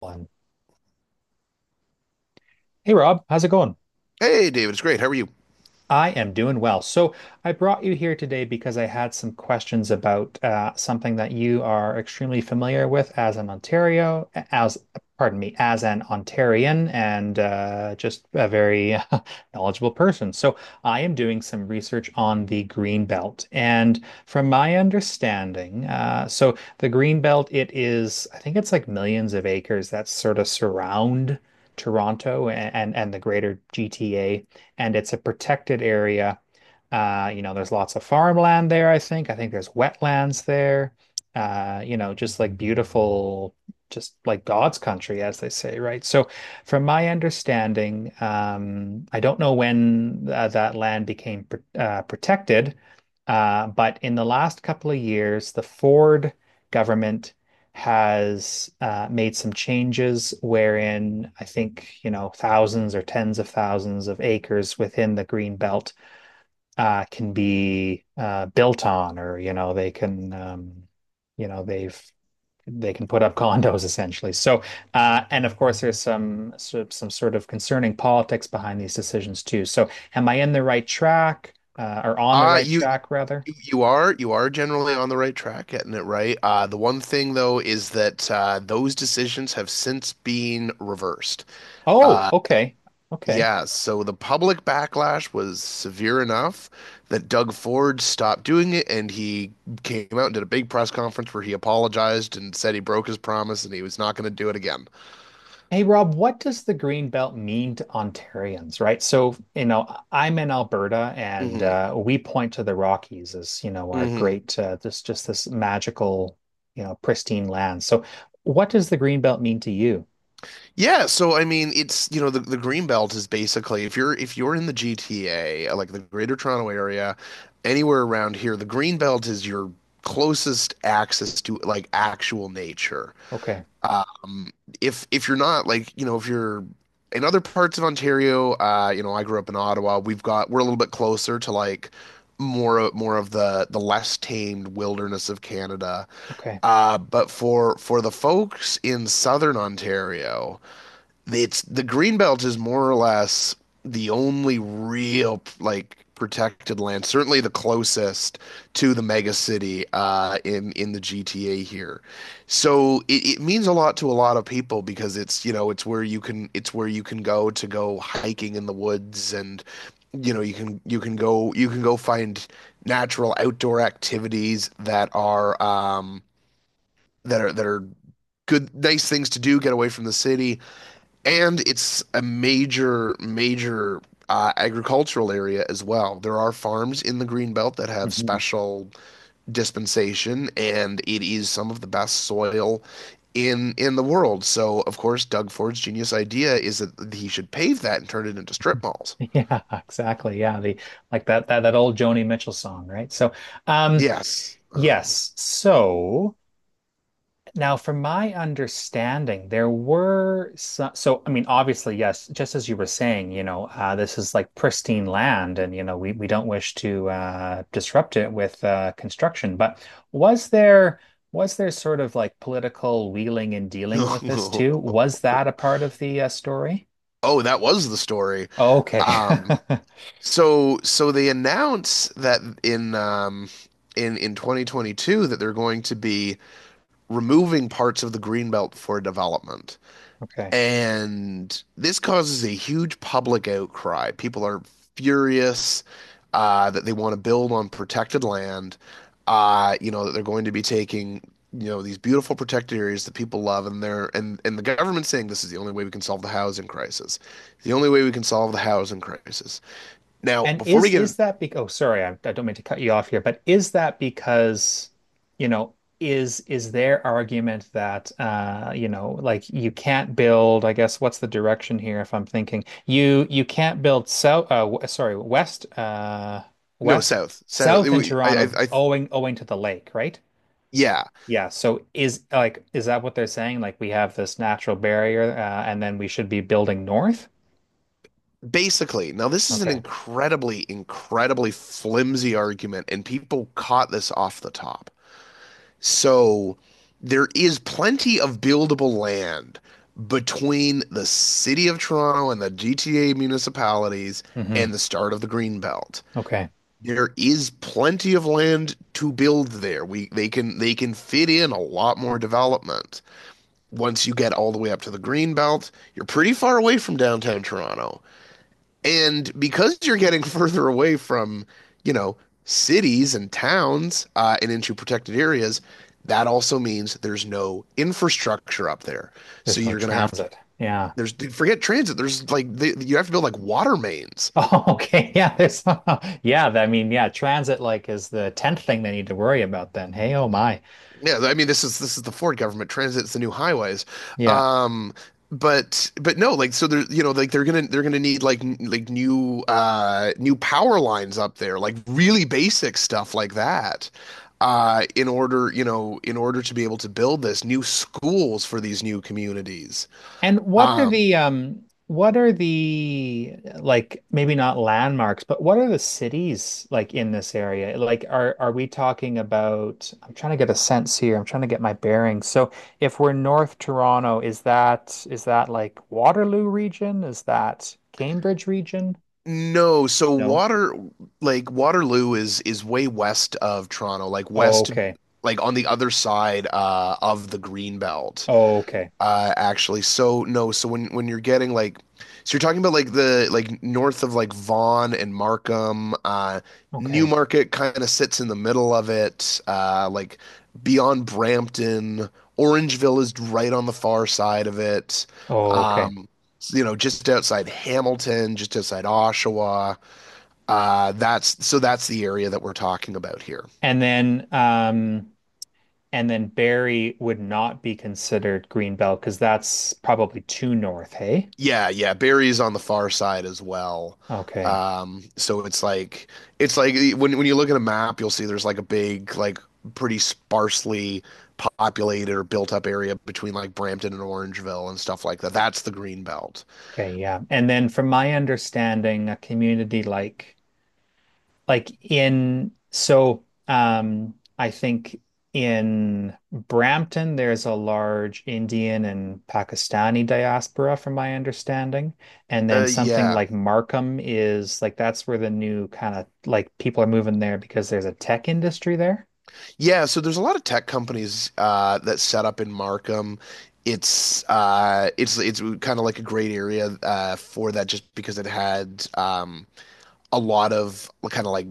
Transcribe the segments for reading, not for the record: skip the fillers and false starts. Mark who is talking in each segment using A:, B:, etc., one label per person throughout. A: One. Hey Rob, how's it going?
B: Hey, David, it's great. How are you?
A: I am doing well. So I brought you here today because I had some questions about something that you are extremely familiar with as an Ontario, as, pardon me, as an Ontarian and just a very knowledgeable person. So I am doing some research on the Green Belt. And from my understanding, so the Green Belt, I think it's like millions of acres that sort of surround Toronto and the greater GTA, and it's a protected area. There's lots of farmland there, I think. I think there's wetlands there. Just like just like God's country, as they say, right? So, from my understanding, I don't know when that land became pr protected, but in the last couple of years, the Ford government has made some changes wherein, I think, you know, thousands or tens of thousands of acres within the green belt can be built on, or, you know, they can, you know, they've they can put up condos essentially. So, and of course, there's some sort of concerning politics behind these decisions too. So, am I in the right track, or on the
B: Uh,
A: right
B: you, you
A: track rather?
B: you are generally on the right track, getting it right. The one thing though is that those decisions have since been reversed.
A: Oh,
B: Uh,
A: okay, okay.
B: yeah, so the public backlash was severe enough that Doug Ford stopped doing it, and he came out and did a big press conference where he apologized and said he broke his promise and he was not going to do it again.
A: Hey Rob, what does the Green Belt mean to Ontarians, right? So, you know, I'm in Alberta and
B: hmm
A: we point to the Rockies as, you know, our
B: hmm
A: great, this magical, you know, pristine land. So, what does the Green Belt mean to you?
B: Yeah, so I mean, it's you know the green belt is basically if you're in the GTA, like the Greater Toronto Area, anywhere around here. The green belt is your closest access to like actual nature.
A: Okay.
B: Um, if you're not like you know if you're in other parts of Ontario, you know, I grew up in Ottawa. We're a little bit closer to like more of the less tamed wilderness of Canada.
A: Okay.
B: But for the folks in southern Ontario, it's the Greenbelt is more or less the only real like protected land, certainly the closest to the mega city in the GTA here. So it means a lot to a lot of people because it's you know it's where you can go to go hiking in the woods, and you know you can you can go find natural outdoor activities that are that are that are good nice things to do, get away from the city. And it's a major agricultural area as well. There are farms in the Green Belt that have
A: Hmm.
B: special dispensation, and it is some of the best soil in the world. So, of course, Doug Ford's genius idea is that he should pave that and turn it into strip malls.
A: Yeah, exactly. Yeah, the like that old Joni Mitchell song, right? Um,
B: Yes.
A: yes. So, now, from my understanding, there were so, so I mean, obviously, yes, just as you were saying, you know, this is like pristine land, and, you know, we don't wish to disrupt it with construction. But was there was there sort of like political wheeling and dealing with this too? Was that a part of the story?
B: Oh, that was the story.
A: Oh, okay,
B: Um, so they announce that in 2022 that they're going to be removing parts of the greenbelt for development.
A: okay.
B: And this causes a huge public outcry. People are furious that they want to build on protected land, you know, that they're going to be taking, you know, these beautiful protected areas that people love. And they're and the government's saying this is the only way we can solve the housing crisis. The only way we can solve the housing crisis. Now,
A: And
B: before we
A: is
B: get in,
A: is that because, oh, sorry, I, don't mean to cut you off here, but is that because, you know, is their argument that, you know, like you can't build, I guess, what's the direction here? If I'm thinking, you can't build south w- sorry, west
B: no,
A: west
B: south, south. It
A: south in
B: w-
A: Toronto
B: I-
A: owing to the lake, right?
B: Yeah.
A: Yeah, so is like is that what they're saying? Like we have this natural barrier and then we should be building north?
B: Basically, now this is an
A: Okay.
B: incredibly flimsy argument, and people caught this off the top. So there is plenty of buildable land between the city of Toronto and the GTA municipalities
A: Hmm.
B: and the start of the Green Belt.
A: Okay.
B: There is plenty of land to build there. We They can fit in a lot more development. Once you get all the way up to the Green Belt, you're pretty far away from downtown Toronto. And because you're getting further away from, you know, cities and towns and into protected areas, that also means there's no infrastructure up there. So
A: There's no
B: you're going to have to,
A: transit. Yeah.
B: forget transit, you have to build like water mains.
A: Oh, okay. Yeah, there's yeah, I mean, yeah, transit like is the tenth thing they need to worry about then. Hey, oh my.
B: Yeah, I mean, this is the Ford government. Transit's the new highways.
A: Yeah.
B: Um but No, like so they're you know like they're gonna need like like new new power lines up there, like really basic stuff like that. In order, you know, in order to be able to build this new schools for these new communities.
A: And what are
B: Um
A: the like maybe not landmarks, but what are the cities like in this area? Like are we talking about? I'm trying to get a sense here. I'm trying to get my bearings. So if we're North Toronto, is that like Waterloo region? Is that Cambridge region?
B: no, so
A: No.
B: water like Waterloo is way west of Toronto, like
A: Oh,
B: west,
A: okay.
B: like on the other side of the Green Belt.
A: Oh, okay.
B: Actually, so no, so when you're getting like, so you're talking about like the like north of like Vaughan and Markham,
A: Okay.
B: Newmarket kind of sits in the middle of it, like beyond Brampton. Orangeville is right on the far side of it.
A: Oh, okay.
B: Um, so, you know, just outside Hamilton, just outside Oshawa. That's so that's the area that we're talking about here.
A: And then um and then Barrie would not be considered Greenbelt because that's probably too north, hey?
B: Yeah. Barry's on the far side as well.
A: Okay.
B: So it's like when you look at a map, you'll see there's like a big, like pretty sparsely populated or built up area between like Brampton and Orangeville and stuff like that. That's the Green Belt.
A: Okay, yeah. And then from my understanding, a community like in so I think in Brampton there's a large Indian and Pakistani diaspora from my understanding. And then something
B: Yeah.
A: like Markham is like that's where the new kind of like people are moving there because there's a tech industry there.
B: Yeah, so there's a lot of tech companies that set up in Markham. It's it's kind of like a great area for that, just because it had a lot of kind of like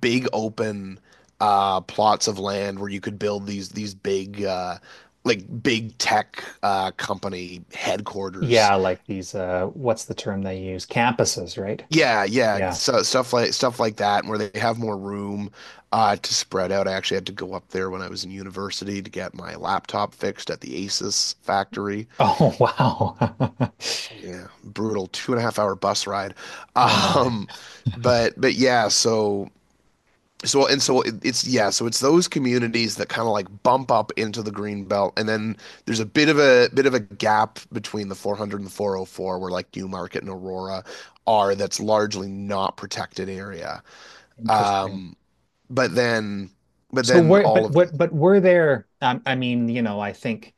B: big open plots of land where you could build these big like big tech company headquarters.
A: Yeah, like these what's the term they use? Campuses, right?
B: Yeah, yeah.
A: Yeah.
B: So stuff like that, where they have more room to spread out. I actually had to go up there when I was in university to get my laptop fixed at the Asus factory.
A: Oh, wow.
B: Yeah, brutal 2.5 hour bus ride.
A: Oh my.
B: But yeah, so so and so it, it's yeah, so it's those communities that kind of like bump up into the green belt, and then there's a bit of a gap between the 400 and the 404, where like Newmarket and Aurora are. That's largely not protected area.
A: Interesting.
B: Um but then but
A: So
B: then
A: where
B: all
A: but
B: of the other
A: what but were there I mean, you know, I think.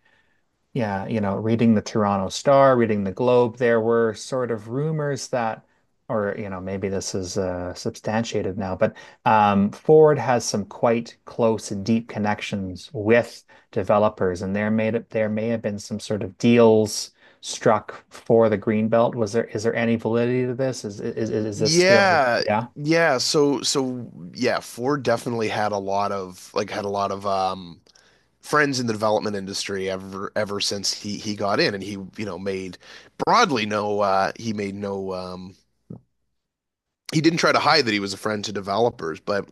A: Yeah, you know, reading the Toronto Star, reading the Globe, there were sort of rumors that, or you know, maybe this is substantiated now, but Ford has some quite close and deep connections with developers, and there may have been some sort of deals struck for the Greenbelt. Was there, is there any validity to this? Is this still?
B: Yeah.
A: Yeah.
B: Yeah, Ford definitely had a lot of like had a lot of friends in the development industry ever since he got in, and he, you know, made broadly no, he made he didn't try to hide that he was a friend to developers. But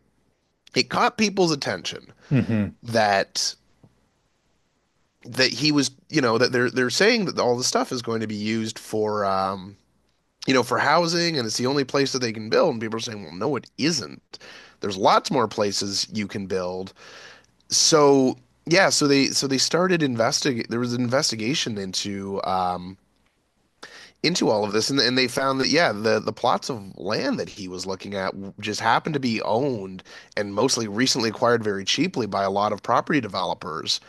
B: it caught people's attention
A: Hmm.
B: that he was, you know, that they're saying that all the stuff is going to be used for you know, for housing, and it's the only place that they can build. And people are saying, well, no it isn't, there's lots more places you can build. So yeah so they so they started investig there was an investigation into all of this, and they found that yeah, the plots of land that he was looking at just happened to be owned and mostly recently acquired very cheaply by a lot of property developers,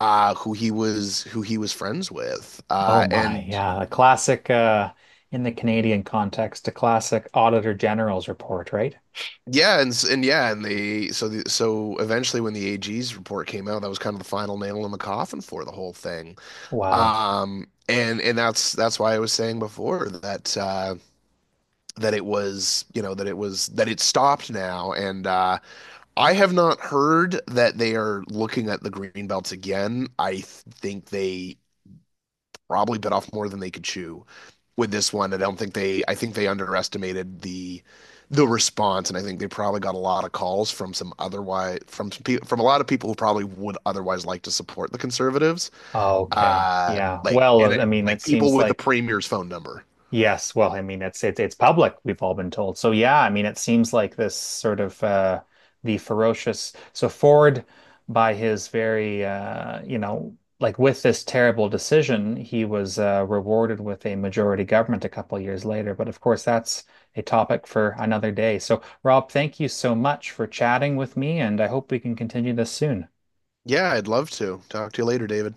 B: who he was friends with,
A: Oh my,
B: and.
A: yeah, a classic in the Canadian context, a classic Auditor General's report, right?
B: Yeah, and they, so the, so eventually when the AG's report came out, that was kind of the final nail in the coffin for the whole thing.
A: Wow.
B: And that's why I was saying before that that it was, you know, that it was, that it stopped now. And I have not heard that they are looking at the green belts again. Think they probably bit off more than they could chew with this one. I don't think they, I think they underestimated the response, and I think they probably got a lot of calls from some otherwise from some people from a lot of people who probably would otherwise like to support the conservatives.
A: Oh, okay. Yeah.
B: Like and
A: Well, I
B: it,
A: mean, it
B: like people
A: seems
B: with the
A: like
B: premier's phone number.
A: yes. Well, I mean, it's it's public. We've all been told. So yeah, I mean, it seems like this sort of the ferocious. So Ford, by his very, you know, like with this terrible decision, he was rewarded with a majority government a couple years later. But of course, that's a topic for another day. So Rob, thank you so much for chatting with me, and I hope we can continue this soon.
B: Yeah, I'd love to talk to you later, David.